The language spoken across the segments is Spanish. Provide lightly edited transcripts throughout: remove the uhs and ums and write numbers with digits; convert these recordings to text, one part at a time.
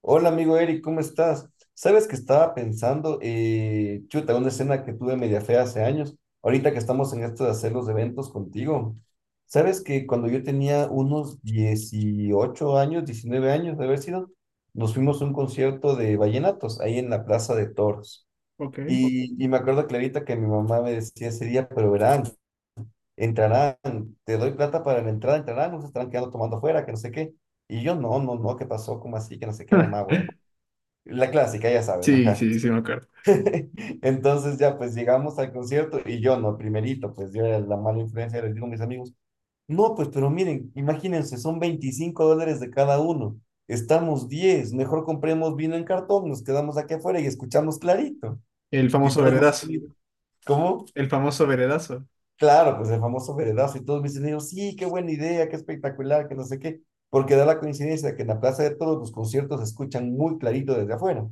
Hola amigo Eric, ¿cómo estás? Sabes que estaba pensando, chuta, una escena que tuve media fea hace años, ahorita que estamos en esto de hacer los eventos contigo. Sabes que cuando yo tenía unos 18 años, 19 años de haber sido, nos fuimos a un concierto de vallenatos ahí en la Plaza de Toros. Ok. Y me acuerdo clarita que mi mamá me decía ese día, pero verán, entrarán, te doy plata para la entrada, entrarán, nos estarán quedando tomando afuera, que no sé qué. Y yo, no, no, no, ¿qué pasó? ¿Cómo así? Que no sé qué, mamá, bueno. La clásica, ya sabes, Sí, ajá. sí, sí, me acuerdo. Entonces ya pues llegamos al concierto y yo no, primerito, pues yo era la mala influencia, les digo a mis amigos, no, pues pero miren, imagínense, son $25 de cada uno, estamos 10 mejor compremos vino en cartón, nos quedamos aquí afuera y escuchamos clarito. El Y famoso todos mis veredazo. amigos, ¿cómo? El famoso veredazo. Claro, pues el famoso veredazo y todos mis amigos, sí, qué buena idea, qué espectacular, que no sé qué, porque da la coincidencia que en la Plaza de Todos los conciertos se escuchan muy clarito desde afuera.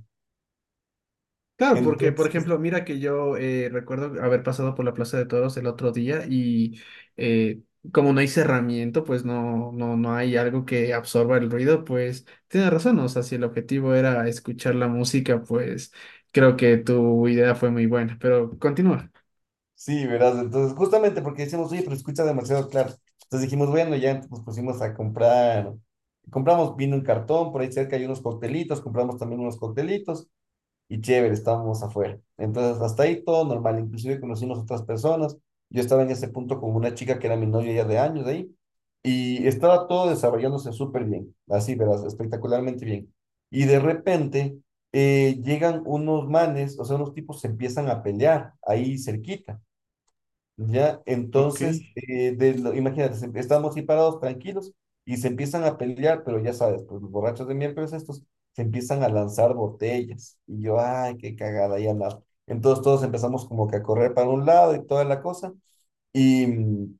Claro, porque, por Entonces... ejemplo, mira que yo recuerdo haber pasado por la Plaza de Toros el otro día y eh, como no hay cerramiento, pues no hay algo que absorba el ruido, pues tienes razón. O sea, si el objetivo era escuchar la música, pues creo que tu idea fue muy buena. Pero continúa. Sí, verás, entonces justamente porque decíamos, oye, pero escucha demasiado claro. Entonces dijimos, bueno, ya nos pusimos a comprar, compramos vino en cartón, por ahí cerca hay unos coctelitos, compramos también unos coctelitos y chévere, estábamos afuera. Entonces hasta ahí todo normal, inclusive conocimos otras personas. Yo estaba en ese punto con una chica que era mi novia ya de años de ahí y estaba todo desarrollándose súper bien, así, verás, espectacularmente bien. Y de repente llegan unos manes, o sea, unos tipos se empiezan a pelear ahí cerquita. Ya, Ok. entonces, imagínate, estamos así parados, tranquilos, y se empiezan a pelear, pero ya sabes, pues los borrachos de miércoles estos se empiezan a lanzar botellas. Y yo, ay, qué cagada, ya nada. Entonces todos empezamos como que a correr para un lado y toda la cosa. Y, mm,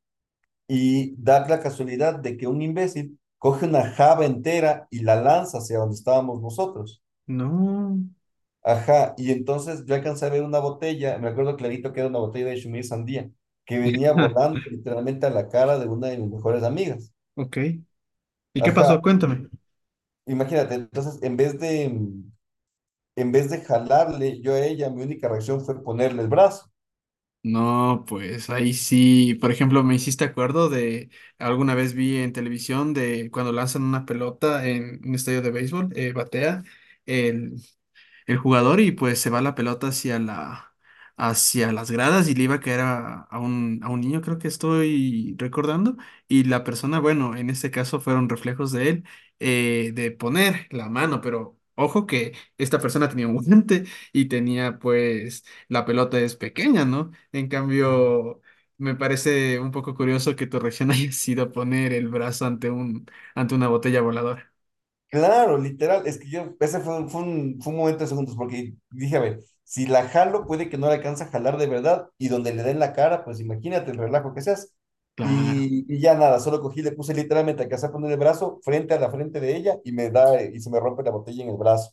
y da la casualidad de que un imbécil coge una jaba entera y la lanza hacia donde estábamos nosotros. No. Ajá, y entonces yo alcancé a ver una botella, me acuerdo clarito que era una botella de Shumir Sandía, que venía Ah, volando literalmente a la cara de una de mis mejores amigas. ok. ¿Y qué Ajá, pasó? Cuéntame. imagínate, entonces en vez de jalarle yo a ella, mi única reacción fue ponerle el brazo. No, pues ahí sí, por ejemplo, me hiciste acuerdo alguna vez vi en televisión de cuando lanzan una pelota en un estadio de béisbol, batea, el jugador y pues se va la pelota hacia hacia las gradas y le iba a caer a un niño, creo que estoy recordando, y la persona, bueno, en este caso fueron reflejos de él, de poner la mano, pero Ojo que esta persona tenía un guante y tenía pues la pelota es pequeña, ¿no? En cambio, me parece un poco curioso que tu reacción haya sido poner el brazo ante ante una botella voladora. Claro, literal, es que yo, ese fue, un, fue un momento de segundos, porque dije, a ver, si la jalo, puede que no la alcance a jalar de verdad, y donde le den la cara, pues imagínate el relajo que seas. Claro. Y ya nada, solo cogí, le puse literalmente, alcancé a poner el brazo frente a la frente de ella, y me da, y se me rompe la botella en el brazo.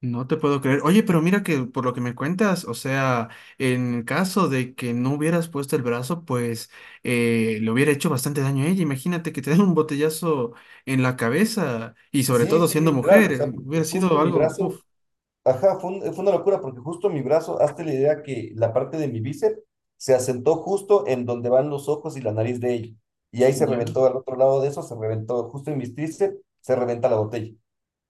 No te puedo creer. Oye, pero mira que por lo que me cuentas, o sea, en caso de que no hubieras puesto el brazo, pues le hubiera hecho bastante daño a ella. Imagínate que te den un botellazo en la cabeza y sobre Sí, todo sí, siendo literal, mujer, o sea, porque hubiera sido justo mi algo, brazo uf. ajá, fue, un- fue una locura porque justo mi brazo, hazte la idea que la parte de mi bíceps se asentó justo en donde van los ojos y la nariz de ella. Y ahí se Ya. reventó, al otro lado de eso se reventó, justo en mis tríceps se reventa la botella.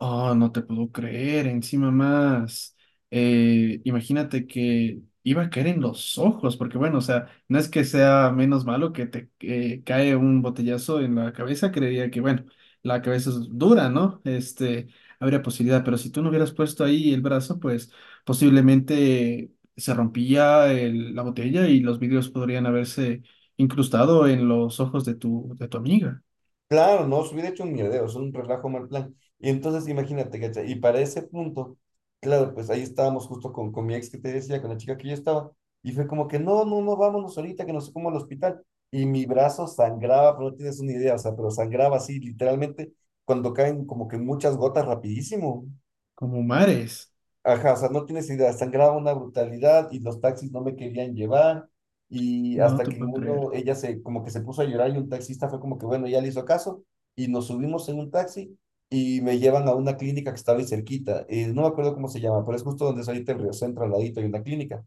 Oh, no te puedo creer, encima más. Imagínate que iba a caer en los ojos, porque bueno, o sea, no es que sea menos malo que te cae un botellazo en la cabeza, creería que bueno, la cabeza es dura, ¿no? Este, habría posibilidad, pero si tú no hubieras puesto ahí el brazo, pues posiblemente se rompía la botella y los vidrios podrían haberse incrustado en los ojos de de tu amiga, Claro, no, se hubiera hecho un mierdero, es un relajo mal plan. Y entonces imagínate, ¿cachai? Y para ese punto, claro, pues ahí estábamos justo con mi ex que te decía, con la chica que yo estaba, y fue como que no, no, no, vámonos ahorita, que no sé cómo al hospital. Y mi brazo sangraba, pero no tienes una idea, o sea, pero sangraba así, literalmente, cuando caen como que muchas gotas rapidísimo. como mares. Ajá, o sea, no tienes idea, sangraba una brutalidad y los taxis no me querían llevar y No hasta te que en puedo creer. uno, ella se, como que se puso a llorar y un taxista fue como que, bueno, ya le hizo caso y nos subimos en un taxi y me llevan a una clínica que estaba ahí cerquita, no me acuerdo cómo se llama, pero es justo donde es ahorita el Río Centro, al ladito hay una clínica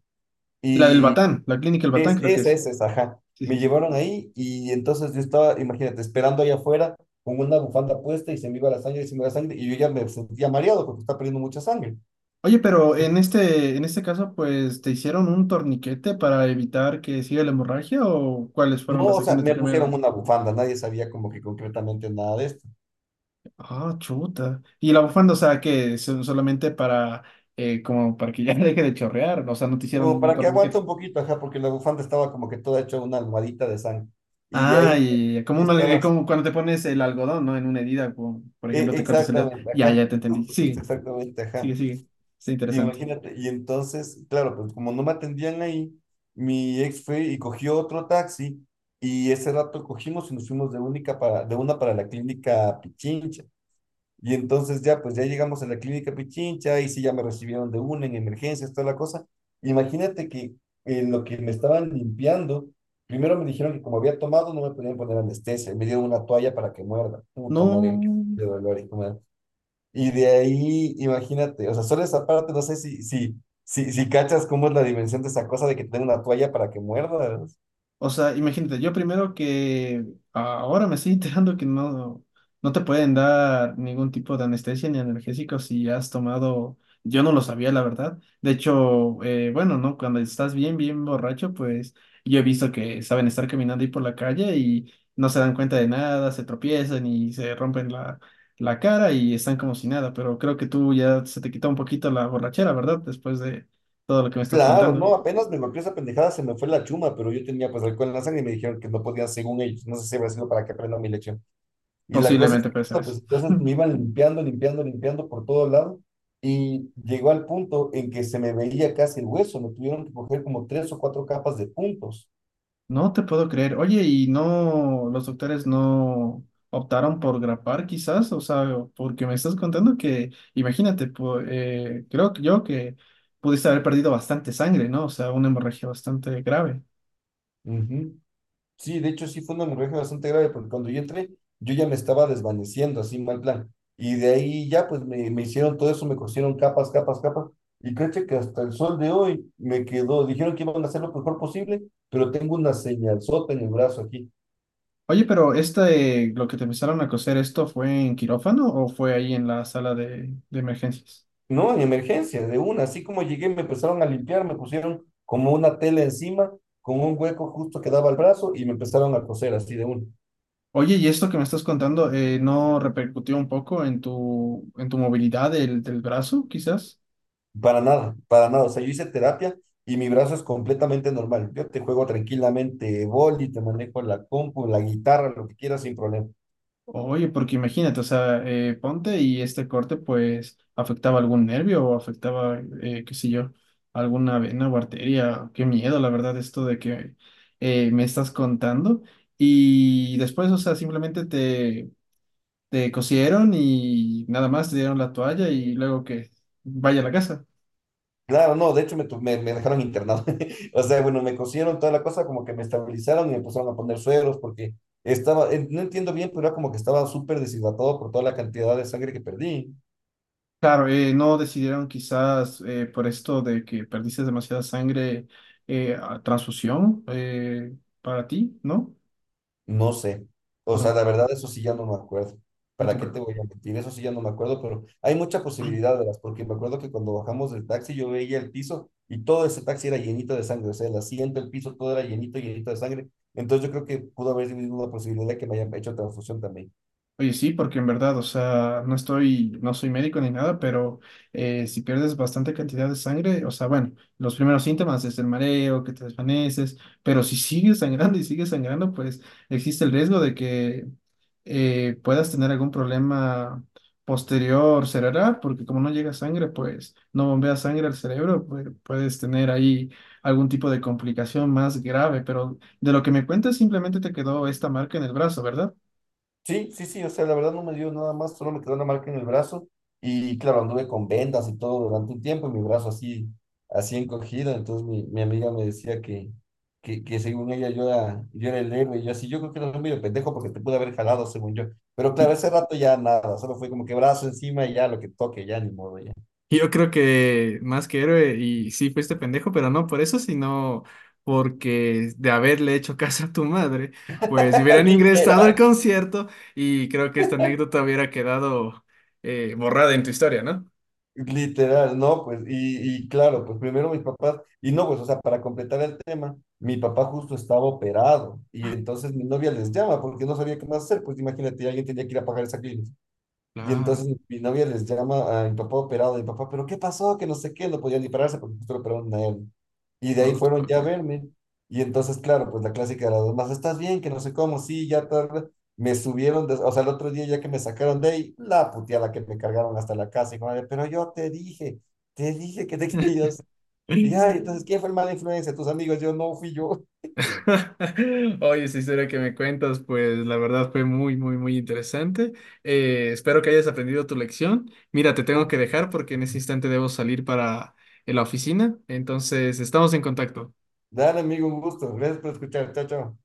La del y Batán, la clínica El Batán creo que es. es esa, ajá. Sí, Me sí, sí. llevaron ahí y entonces yo estaba, imagínate, esperando allá afuera con una bufanda puesta y se me iba la sangre y se me iba la sangre y yo ya me sentía mareado porque estaba perdiendo mucha sangre. Oye, pero en en este caso, pues, ¿te hicieron un torniquete para evitar que siga la hemorragia o cuáles No, fueron las o sea, acciones de me pusieron primero? una bufanda, nadie sabía como que concretamente nada de esto. Ah, chuta. Y la bufanda, o sea, que son solamente para, como para que ya deje de chorrear, o sea, no te hicieron Como un para que aguante torniquete. un poquito, ajá, porque la bufanda estaba como que toda hecha una almohadita de sangre. Y de Ah, ahí y como, y estabas. como cuando te pones el algodón, ¿no? En una herida, como, por E- ejemplo, te cortas el dedo. exactamente, Ya, ajá. ya te entendí. Justo, justo, Sigue, exactamente, ajá. sigue, sigue. Está interesante. Imagínate. Y entonces, claro, pues como no me atendían ahí, mi ex fue y cogió otro taxi. Y ese rato cogimos y nos fuimos de única para, de una para la clínica Pichincha. Y entonces ya, pues ya llegamos a la clínica Pichincha, y sí ya me recibieron de una en emergencias, toda la cosa. Imagínate que lo que me estaban limpiando, primero me dijeron que como había tomado no me podían poner anestesia, y me dieron una toalla para que muerda. Puta madre, No. qué dolor y cómo era. Y de ahí, imagínate, o sea, solo esa parte, no sé si cachas cómo es la dimensión de esa cosa de que te den una toalla para que muerda, ¿no? O sea, imagínate, yo primero que ahora me estoy enterando que no te pueden dar ningún tipo de anestesia ni analgésico si has tomado, yo no lo sabía, la verdad. De hecho, bueno, ¿no? Cuando estás bien, bien borracho, pues yo he visto que saben estar caminando ahí por la calle y no se dan cuenta de nada, se tropiezan y se rompen la cara y están como si nada, pero creo que tú ya se te quitó un poquito la borrachera, ¿verdad? Después de todo lo que me estás Claro, contando. no, apenas me golpeó esa pendejada, se me fue la chuma, pero yo tenía pues alcohol en la sangre y me dijeron que no podía, según ellos, no sé si habrá sido para que aprenda mi lección. Y la cosa es Posiblemente que, puede ser no, eso. pues entonces me iban limpiando por todo lado y llegó al punto en que se me veía casi el hueso, me tuvieron que coger como tres o cuatro capas de puntos. No te puedo creer. Oye, ¿y no los doctores no optaron por grapar quizás? O sea, porque me estás contando que, imagínate, creo que yo que pudiste haber perdido bastante sangre, ¿no? O sea, una hemorragia bastante grave. Ujú. Sí, de hecho sí fue una hemorragia bastante grave porque cuando yo entré yo ya me estaba desvaneciendo, así mal plan. Y de ahí ya pues me hicieron todo eso, me cosieron capas, capas, capas. Y créete que hasta el sol de hoy me quedó, dijeron que iban a hacer lo mejor posible, pero tengo una señalzota en el brazo aquí. Oye, pero este, lo que te empezaron a coser, ¿esto fue en quirófano o fue ahí en la sala de emergencias? No, en emergencia, de una. Así como llegué me empezaron a limpiar, me pusieron como una tela encima, con un hueco justo que daba al brazo y me empezaron a coser así de una. Oye, ¿y esto que me estás contando, no repercutió un poco en en tu movilidad del brazo, quizás? Para nada, para nada. O sea, yo hice terapia y mi brazo es completamente normal. Yo te juego tranquilamente boli, te manejo la compu, la guitarra, lo que quieras sin problema. Oye, porque imagínate, o sea, ponte y este corte pues afectaba algún nervio o afectaba, qué sé yo, alguna vena o arteria. Qué miedo, la verdad, esto de que me estás contando. Y después, o sea, simplemente te cosieron y nada más te dieron la toalla y luego que vaya a la casa. Claro, no, de hecho me dejaron internado. O sea, bueno, me cosieron toda la cosa, como que me estabilizaron y me pusieron a poner sueros porque estaba, no entiendo bien, pero era como que estaba súper deshidratado por toda la cantidad de sangre que perdí. Claro, no decidieron quizás por esto de que perdiste demasiada sangre, a transfusión para ti, ¿no? No sé. O sea, No, la verdad, eso sí ya no me acuerdo. no te ¿Para qué te acuerdo. voy a mentir? Eso sí ya no me acuerdo, pero hay mucha posibilidad, verás, porque me acuerdo que cuando bajamos del taxi yo veía el piso y todo ese taxi era llenito de sangre. O sea, el asiento, el piso, todo era llenito, llenito de sangre. Entonces yo creo que pudo haber sido una posibilidad de que me hayan hecho transfusión también. Oye, sí, porque en verdad, o sea, no soy médico ni nada, pero si pierdes bastante cantidad de sangre, o sea, bueno, los primeros síntomas es el mareo, que te desvaneces, pero si sigues sangrando y sigues sangrando, pues existe el riesgo de que puedas tener algún problema posterior cerebral, porque como no llega sangre, pues no bombea sangre al cerebro, pues, puedes tener ahí algún tipo de complicación más grave, pero de lo que me cuentas, simplemente te quedó esta marca en el brazo, ¿verdad? Sí, sí, sí, o sea, la verdad no me dio nada más, solo me quedó una marca en el brazo y claro, anduve con vendas y todo durante un tiempo y mi brazo así, así encogido, entonces mi amiga me decía que, que según ella yo era el héroe y yo así, yo creo que era medio pendejo porque te pude haber jalado según yo, pero Y- claro, ese rato ya nada, solo fue como que brazo encima y ya lo que toque, ya ni modo, ya, Yo creo que más que héroe, y sí fuiste pendejo, pero no por eso, sino porque de haberle hecho caso a tu madre, pues si hubieran ingresado al literal. concierto y creo que esta anécdota hubiera quedado borrada en tu historia, ¿no? Literal, no, pues, y claro, pues primero mis papás, y no, pues, o sea, para completar el tema, mi papá justo estaba operado, y entonces mi novia les llama porque no sabía qué más hacer, pues imagínate, alguien tenía que ir a pagar esa clínica. Y Claro, entonces mi novia les llama a mi papá operado, y papá, ¿pero qué pasó? Que no sé qué, no podían ni pararse porque justo lo operaron a él. Y de ahí no te fueron puedo ya a creer. verme. Y entonces, claro, pues la clásica de las demás, ¿estás bien? Que no sé cómo, sí, ya tarde. Me subieron, de- o sea, el otro día ya que me sacaron de ahí, la puteada la que me cargaron hasta la casa. Y como, pero yo te dije que te querías. Y ay, entonces, ¿quién fue el mala influencia? Tus amigos, yo no fui yo. Oye, esa historia que me cuentas, pues la verdad fue muy, muy, muy interesante. Espero que hayas aprendido tu lección. Mira, te tengo que dejar porque en ese instante debo salir para la oficina. Entonces, estamos en contacto. Dale, amigo, un gusto. Gracias por escuchar. Chao, chao.